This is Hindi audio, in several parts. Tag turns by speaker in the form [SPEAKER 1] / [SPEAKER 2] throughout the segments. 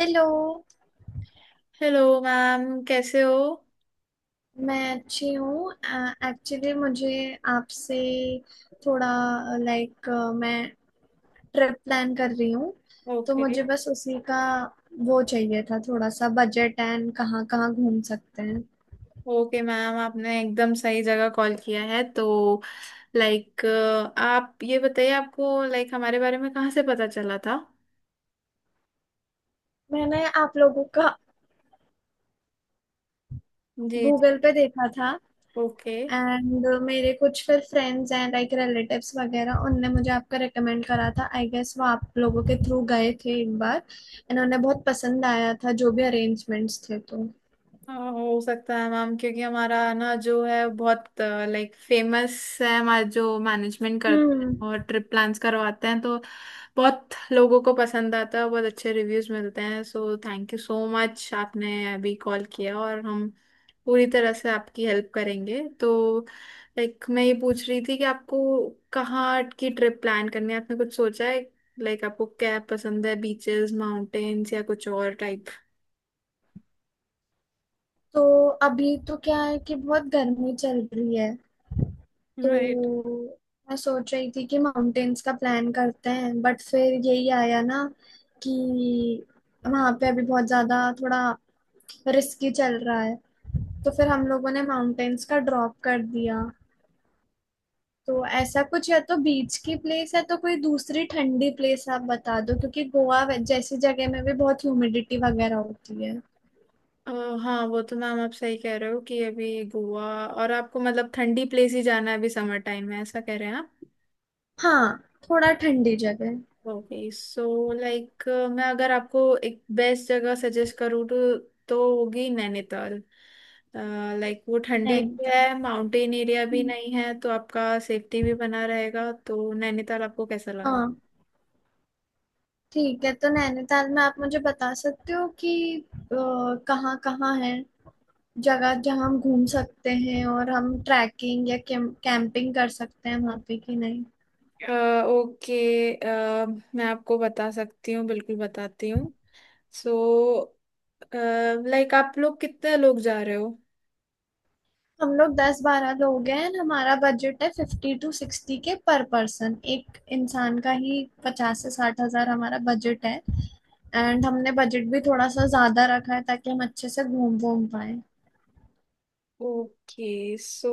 [SPEAKER 1] हेलो।
[SPEAKER 2] हेलो मैम कैसे हो।
[SPEAKER 1] मैं अच्छी हूँ। एक्चुअली मुझे आपसे थोड़ा लाइक मैं ट्रिप प्लान कर रही हूँ। तो
[SPEAKER 2] ओके
[SPEAKER 1] मुझे बस उसी का वो चाहिए था थोड़ा सा बजट एंड कहाँ कहाँ घूम सकते हैं।
[SPEAKER 2] ओके मैम आपने एकदम सही जगह कॉल किया है तो लाइक आप ये बताइए आपको लाइक हमारे बारे में कहाँ से पता चला था।
[SPEAKER 1] मैंने आप लोगों का
[SPEAKER 2] जी जी।
[SPEAKER 1] गूगल पे देखा था।
[SPEAKER 2] ओके।
[SPEAKER 1] एंड मेरे कुछ फिर फ्रेंड्स एंड लाइक रिलेटिव्स वगैरह उनने मुझे आपका रिकमेंड करा था, आई गेस वो आप लोगों के थ्रू गए थे एक बार। इन्होंने बहुत पसंद आया था जो भी अरेंजमेंट्स थे तो
[SPEAKER 2] हाँ, हो सकता है मैम क्योंकि हमारा ना जो है बहुत लाइक फेमस है हमारा जो मैनेजमेंट करते हैं
[SPEAKER 1] हम्म।
[SPEAKER 2] और ट्रिप प्लान्स करवाते हैं तो बहुत लोगों को पसंद आता है बहुत अच्छे रिव्यूज मिलते हैं। So thank you so much आपने अभी कॉल किया और हम पूरी तरह से आपकी हेल्प करेंगे। तो लाइक मैं ये पूछ रही थी कि आपको कहाँ की ट्रिप प्लान करनी है आपने कुछ सोचा है। लाइक आपको क्या पसंद है बीचेस माउंटेन्स या कुछ और
[SPEAKER 1] तो अभी तो क्या है कि बहुत गर्मी चल रही है,
[SPEAKER 2] टाइप।
[SPEAKER 1] तो मैं सोच रही थी कि माउंटेन्स का प्लान करते हैं बट फिर यही आया ना कि वहां पे अभी बहुत ज्यादा थोड़ा रिस्की चल रहा है, तो फिर हम लोगों ने माउंटेन्स का ड्रॉप कर दिया। तो ऐसा कुछ या तो बीच की प्लेस है तो कोई दूसरी ठंडी प्लेस आप बता दो क्योंकि गोवा जैसी जगह में भी बहुत ह्यूमिडिटी वगैरैन होती है।
[SPEAKER 2] अ, हाँ वो तो मैम आप सही कह रहे हो कि अभी गोवा। और आपको मतलब ठंडी प्लेस ही जाना है अभी समर टाइम में ऐसा कह रहे हैं आप।
[SPEAKER 1] हाँ, थोड़ा ठंडी जगह।
[SPEAKER 2] ओके सो लाइक मैं अगर आपको एक बेस्ट जगह सजेस्ट करूँ तो होगी नैनीताल। लाइक वो ठंडी भी
[SPEAKER 1] नैनीताल।
[SPEAKER 2] है माउंटेन एरिया भी
[SPEAKER 1] हम्म,
[SPEAKER 2] नहीं है तो आपका सेफ्टी भी बना रहेगा तो नैनीताल आपको कैसा लगा।
[SPEAKER 1] हाँ, ठीक है तो नैनीताल में आप मुझे बता सकते हो कि अ, कहाँ कहाँ है जगह जहाँ हम घूम सकते हैं और हम ट्रैकिंग या कैंपिंग कर सकते हैं वहाँ पे कि नहीं।
[SPEAKER 2] ओके। अ, मैं आपको बता सकती हूँ बिल्कुल बताती हूँ। सो लाइक आप लोग कितने लोग जा रहे हो।
[SPEAKER 1] हम लोग 10-12 लोग हैं and हमारा बजट है 50 to 60 K पर पर्सन, एक इंसान का ही 50 से 60 हजार हमारा बजट है। एंड हमने बजट भी थोड़ा सा ज्यादा रखा है ताकि हम अच्छे से घूम घूम पाए।
[SPEAKER 2] ओके सो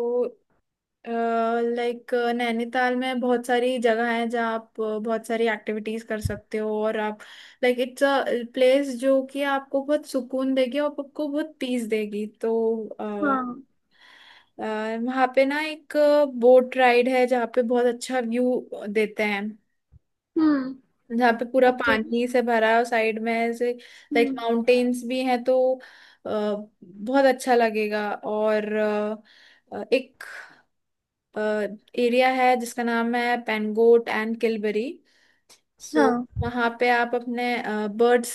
[SPEAKER 2] लाइक नैनीताल में बहुत सारी जगह है जहाँ आप बहुत सारी एक्टिविटीज कर सकते हो और आप लाइक इट्स अ प्लेस जो कि आपको बहुत सुकून देगी और आपको बहुत पीस देगी। तो अ,
[SPEAKER 1] हाँ।
[SPEAKER 2] वहाँ पे ना एक बोट राइड है जहाँ पे बहुत अच्छा व्यू देते हैं।
[SPEAKER 1] हम्म।
[SPEAKER 2] जहाँ पे पूरा
[SPEAKER 1] ओके।
[SPEAKER 2] पानी से भरा है और साइड में ऐसे लाइक
[SPEAKER 1] हम्म।
[SPEAKER 2] माउंटेन्स भी हैं तो अ, बहुत अच्छा लगेगा। और एक एरिया है जिसका नाम है पेनगोट एंड किलबरी। सो
[SPEAKER 1] हाँ।
[SPEAKER 2] वहाँ पे आप अपने बर्ड्स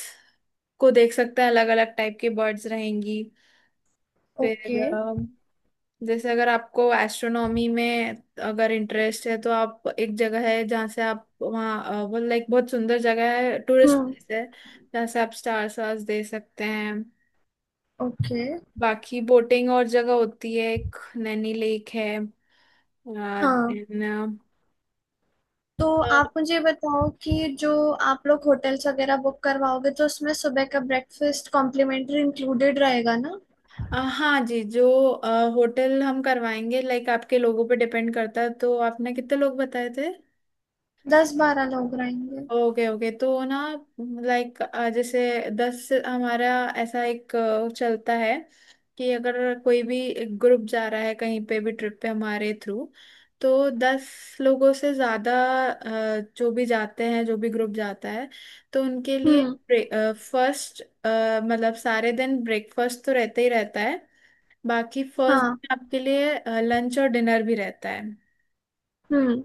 [SPEAKER 2] को देख सकते हैं अलग अलग टाइप के बर्ड्स रहेंगी।
[SPEAKER 1] ओके।
[SPEAKER 2] फिर जैसे अगर आपको एस्ट्रोनॉमी में अगर इंटरेस्ट है तो आप एक जगह है जहाँ से आप वहाँ वो लाइक बहुत सुंदर जगह है टूरिस्ट
[SPEAKER 1] हम्म।
[SPEAKER 2] प्लेस है जहाँ से आप स्टार्स वार्स दे सकते हैं।
[SPEAKER 1] ओके।
[SPEAKER 2] बाकी बोटिंग और जगह होती है एक नैनी लेक है
[SPEAKER 1] हाँ,
[SPEAKER 2] देन
[SPEAKER 1] तो आप मुझे बताओ कि जो आप लोग होटल्स वगैरह बुक करवाओगे तो उसमें सुबह का ब्रेकफास्ट कॉम्प्लीमेंट्री इंक्लूडेड रहेगा ना।
[SPEAKER 2] हाँ जी जो अ, होटल हम करवाएंगे लाइक आपके लोगों पे डिपेंड करता है तो आपने कितने लोग बताए थे।
[SPEAKER 1] 10-12 लोग रहेंगे।
[SPEAKER 2] ओके ओके तो ना लाइक जैसे 10 से हमारा ऐसा एक चलता है कि अगर कोई भी ग्रुप जा रहा है कहीं पे भी ट्रिप पे हमारे थ्रू तो 10 लोगों से ज़्यादा जो भी जाते हैं जो भी ग्रुप जाता है तो उनके लिए
[SPEAKER 1] हम्म।
[SPEAKER 2] फर्स्ट मतलब सारे दिन ब्रेकफास्ट तो रहता ही रहता है बाकी फर्स्ट
[SPEAKER 1] हाँ।
[SPEAKER 2] डे आपके लिए लंच और डिनर भी रहता है।
[SPEAKER 1] हम्म।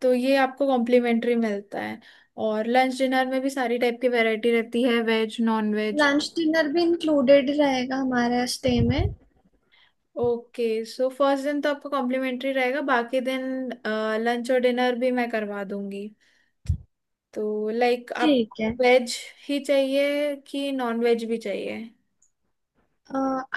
[SPEAKER 2] तो ये आपको कॉम्प्लीमेंट्री मिलता है और लंच डिनर में भी सारी टाइप की वैरायटी रहती है veg non veg.
[SPEAKER 1] Lunch dinner भी इंक्लूडेड रहेगा हमारे स्टे में।
[SPEAKER 2] ओके सो फर्स्ट दिन तो आपको कॉम्प्लीमेंट्री रहेगा बाकी दिन लंच और डिनर भी मैं करवा दूंगी। तो लाइक आप
[SPEAKER 1] ठीक है।
[SPEAKER 2] वेज ही चाहिए कि नॉन वेज भी चाहिए।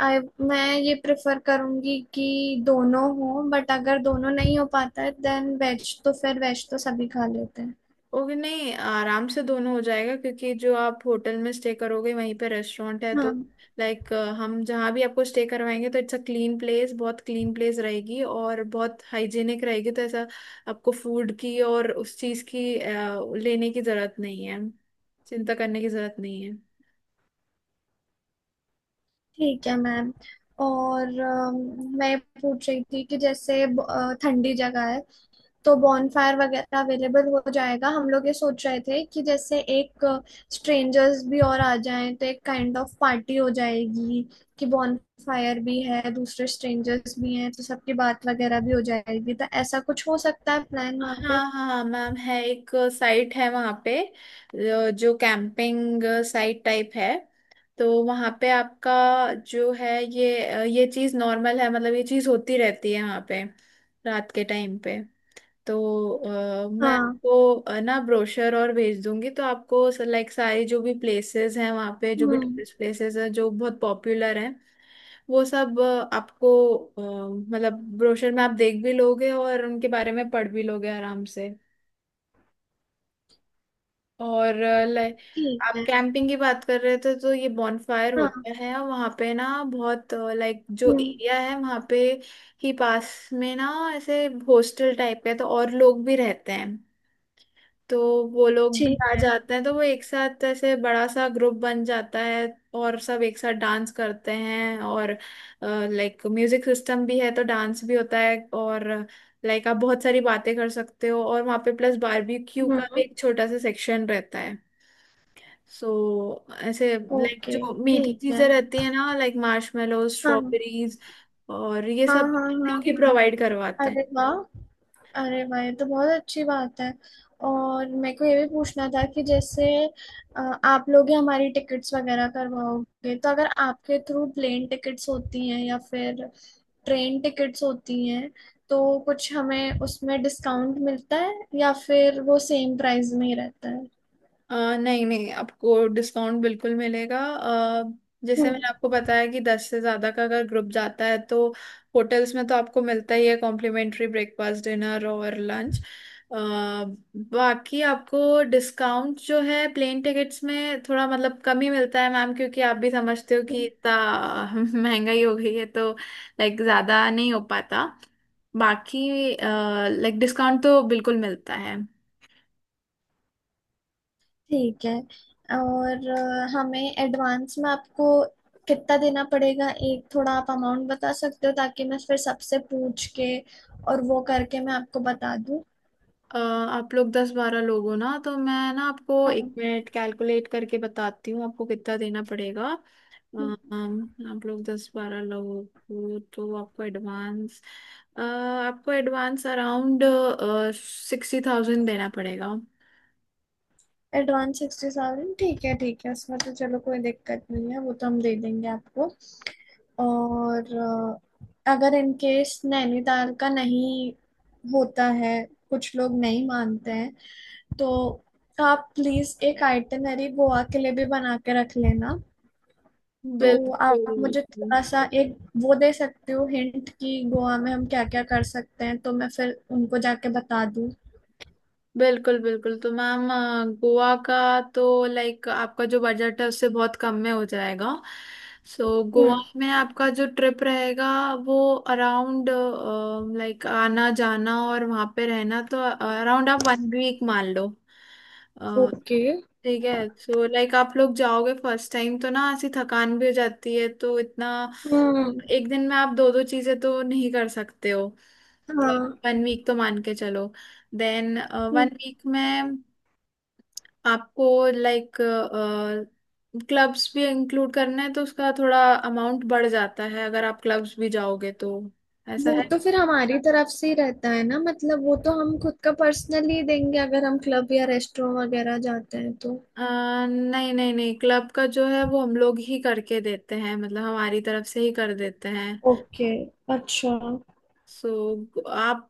[SPEAKER 1] आई मैं ये प्रेफर करूंगी कि दोनों हो बट अगर दोनों नहीं हो पाता है देन वेज, तो फिर वेज तो सभी खा लेते हैं।
[SPEAKER 2] ओके नहीं आराम से दोनों हो जाएगा क्योंकि जो आप होटल में स्टे करोगे वहीं पे रेस्टोरेंट है। तो
[SPEAKER 1] हाँ,
[SPEAKER 2] लाइक हम जहाँ भी आपको स्टे करवाएंगे तो इट्स अ क्लीन प्लेस बहुत क्लीन प्लेस रहेगी और बहुत हाइजीनिक रहेगी। तो ऐसा आपको फूड की और उस चीज़ की लेने की ज़रूरत नहीं है चिंता करने की ज़रूरत नहीं है।
[SPEAKER 1] ठीक है मैम। और मैं पूछ रही थी कि जैसे ठंडी जगह है तो बॉनफायर वगैरह अवेलेबल हो जाएगा। हम लोग ये सोच रहे थे कि जैसे एक स्ट्रेंजर्स भी और आ जाएं तो एक काइंड ऑफ पार्टी हो जाएगी कि बॉनफायर भी है दूसरे स्ट्रेंजर्स भी हैं तो सबकी बात वगैरह भी हो जाएगी, तो ऐसा कुछ हो सकता है प्लान वहाँ पे।
[SPEAKER 2] हाँ हाँ मैम है एक साइट है वहाँ पे जो जो कैंपिंग साइट टाइप है। तो वहाँ पे आपका जो है ये चीज़ नॉर्मल है मतलब ये चीज़ होती रहती है वहाँ पे रात के टाइम पे। तो मैं
[SPEAKER 1] हाँ।
[SPEAKER 2] आपको ना ब्रोशर और भेज दूंगी तो आपको लाइक सारी जो भी प्लेसेस हैं वहाँ पे जो भी
[SPEAKER 1] हम्म।
[SPEAKER 2] टूरिस्ट प्लेसेस हैं जो बहुत पॉपुलर हैं वो सब आपको मतलब ब्रोशर में आप देख भी लोगे और उनके बारे में पढ़ भी लोगे आराम से। और लाइक
[SPEAKER 1] ठीक
[SPEAKER 2] आप
[SPEAKER 1] है।
[SPEAKER 2] कैंपिंग की बात कर रहे थे तो ये बॉनफायर
[SPEAKER 1] हाँ।
[SPEAKER 2] होता है वहाँ पे ना बहुत लाइक जो
[SPEAKER 1] हम्म।
[SPEAKER 2] एरिया है वहाँ पे ही पास में ना ऐसे हॉस्टल टाइप है तो और लोग भी रहते हैं। तो वो लोग भी
[SPEAKER 1] ठीक
[SPEAKER 2] आ
[SPEAKER 1] है।
[SPEAKER 2] जाते हैं तो वो एक साथ ऐसे बड़ा सा ग्रुप बन जाता है और सब एक साथ डांस करते हैं। और लाइक म्यूजिक सिस्टम भी है तो डांस भी होता है और लाइक आप बहुत सारी बातें कर सकते हो। और वहाँ पे प्लस बारबेक्यू का भी
[SPEAKER 1] हम्म।
[SPEAKER 2] एक छोटा सा सेक्शन रहता है। सो ऐसे लाइक
[SPEAKER 1] ओके।
[SPEAKER 2] जो मीठी
[SPEAKER 1] ठीक है।
[SPEAKER 2] चीजें रहती है ना लाइक मार्शमेलो
[SPEAKER 1] हाँ
[SPEAKER 2] स्ट्रॉबेरीज और ये
[SPEAKER 1] हाँ
[SPEAKER 2] सब
[SPEAKER 1] हाँ
[SPEAKER 2] हम
[SPEAKER 1] हाँ।
[SPEAKER 2] लोग ही
[SPEAKER 1] हाँ।
[SPEAKER 2] प्रोवाइड करवाते हैं।
[SPEAKER 1] अरे वाह! अरे वाह, ये तो बहुत अच्छी बात है। और मेरे को ये भी पूछना था कि जैसे आप लोग ही हमारी टिकट्स वगैरह करवाओगे तो अगर आपके थ्रू प्लेन टिकट्स होती हैं या फिर ट्रेन टिकट्स होती हैं तो कुछ हमें उसमें डिस्काउंट मिलता है या फिर वो सेम प्राइस में ही रहता है।
[SPEAKER 2] नहीं नहीं आपको डिस्काउंट बिल्कुल मिलेगा। जैसे
[SPEAKER 1] हम्म।
[SPEAKER 2] मैंने आपको बताया कि 10 से ज़्यादा का अगर ग्रुप जाता है तो होटल्स में तो आपको मिलता ही है कॉम्प्लीमेंट्री ब्रेकफास्ट डिनर और लंच। बाकी आपको डिस्काउंट जो है प्लेन टिकट्स में थोड़ा मतलब कम ही मिलता है मैम क्योंकि आप भी समझते हो कि इतना महंगाई हो गई है तो लाइक ज़्यादा नहीं हो पाता। बाकी लाइक डिस्काउंट तो बिल्कुल मिलता है।
[SPEAKER 1] ठीक है। और हमें एडवांस में आपको कितना देना पड़ेगा, एक थोड़ा आप अमाउंट बता सकते हो ताकि मैं फिर सबसे पूछ के और वो करके मैं आपको बता दूँ।
[SPEAKER 2] आप लोग 10-12 लोग हो ना तो मैं ना आपको एक
[SPEAKER 1] हाँ।
[SPEAKER 2] मिनट कैलकुलेट करके बताती हूँ आपको कितना देना पड़ेगा। अ, अम, आप लोग 10-12 लोग हो तो आपको एडवांस आपको एडवांस अराउंड 60,000 देना पड़ेगा।
[SPEAKER 1] एडवांस 60,000, ठीक है, ठीक है उसमें तो चलो कोई दिक्कत नहीं है, वो तो हम दे देंगे आपको। और अगर इन केस नैनीताल का नहीं होता है, कुछ लोग नहीं मानते हैं, तो आप प्लीज एक आइटनरी गोवा के लिए भी बना के रख लेना। तो आप
[SPEAKER 2] बिल्कुल
[SPEAKER 1] मुझे थोड़ा सा एक वो दे सकते हो हिंट कि गोवा में हम क्या क्या कर सकते हैं तो मैं फिर उनको जाके बता दूं।
[SPEAKER 2] बिल्कुल बिल्कुल तो मैम गोवा का तो लाइक आपका जो बजट है उससे बहुत कम में हो जाएगा। सो गोवा
[SPEAKER 1] हम्म।
[SPEAKER 2] में आपका जो ट्रिप रहेगा वो अराउंड लाइक आना जाना और वहाँ पे रहना तो अराउंड आप 1 वीक मान लो। अ,
[SPEAKER 1] ओके।
[SPEAKER 2] ठीक है सो लाइक आप लोग जाओगे फर्स्ट टाइम तो ना ऐसी थकान भी हो जाती है तो इतना
[SPEAKER 1] हम्म।
[SPEAKER 2] एक दिन में आप दो दो चीज़ें तो नहीं कर सकते हो। तो
[SPEAKER 1] हाँ।
[SPEAKER 2] 1 वीक तो मान के चलो। Then one
[SPEAKER 1] hmm.
[SPEAKER 2] वीक में आपको लाइक क्लब्स भी इंक्लूड करना है तो उसका थोड़ा अमाउंट बढ़ जाता है अगर आप क्लब्स भी जाओगे तो। ऐसा
[SPEAKER 1] वो
[SPEAKER 2] है
[SPEAKER 1] तो फिर हमारी तरफ से ही रहता है ना, मतलब वो तो हम खुद का पर्सनली देंगे अगर हम क्लब या रेस्टोरेंट वगैरह जाते हैं तो।
[SPEAKER 2] अ, नहीं नहीं नहीं क्लब का जो है वो हम लोग ही करके देते हैं मतलब हमारी तरफ से ही कर देते हैं।
[SPEAKER 1] ओके। अच्छा।
[SPEAKER 2] सो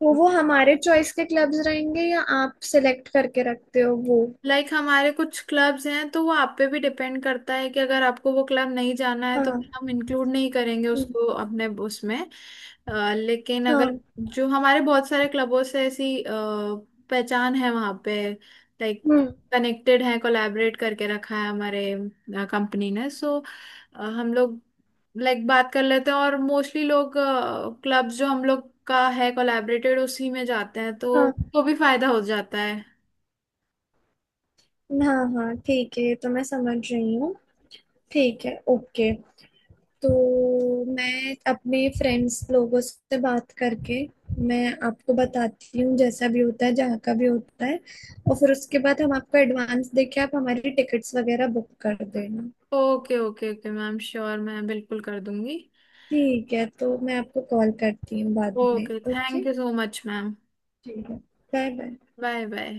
[SPEAKER 1] तो वो हमारे चॉइस के क्लब्स रहेंगे या आप सिलेक्ट करके रखते हो वो?
[SPEAKER 2] लाइक हमारे कुछ क्लब्स हैं तो वो आप पे भी डिपेंड करता है कि अगर आपको वो क्लब नहीं जाना है तो
[SPEAKER 1] हाँ।
[SPEAKER 2] फिर हम इंक्लूड नहीं करेंगे
[SPEAKER 1] हम्म,
[SPEAKER 2] उसको अपने उसमें। लेकिन अगर
[SPEAKER 1] हाँ।
[SPEAKER 2] जो हमारे बहुत सारे क्लबों से ऐसी पहचान है वहाँ पे लाइक
[SPEAKER 1] हम्म।
[SPEAKER 2] कनेक्टेड है कोलैबोरेट करके रखा है हमारे कंपनी ने। सो हम लोग लाइक बात कर लेते हैं और मोस्टली लोग क्लब्स जो हम लोग का है कोलैबोरेटेड उसी में जाते हैं तो
[SPEAKER 1] हाँ
[SPEAKER 2] तो भी फायदा हो जाता है।
[SPEAKER 1] हाँ हाँ, ठीक है, ये तो मैं समझ रही हूँ। ठीक है, ओके। तो मैं अपने फ्रेंड्स लोगों से बात करके मैं आपको बताती हूँ जैसा भी होता है जहाँ का भी होता है। और फिर उसके बाद हम आपको एडवांस देके आप हमारी टिकट्स वगैरह बुक कर देना।
[SPEAKER 2] Okay okay okay ma'am sure मैं बिल्कुल कर दूंगी।
[SPEAKER 1] ठीक है, तो मैं आपको कॉल करती हूँ बाद में।
[SPEAKER 2] Okay
[SPEAKER 1] okay.
[SPEAKER 2] Thank you so much ma'am.
[SPEAKER 1] ठीक है, बाय बाय।
[SPEAKER 2] Bye bye.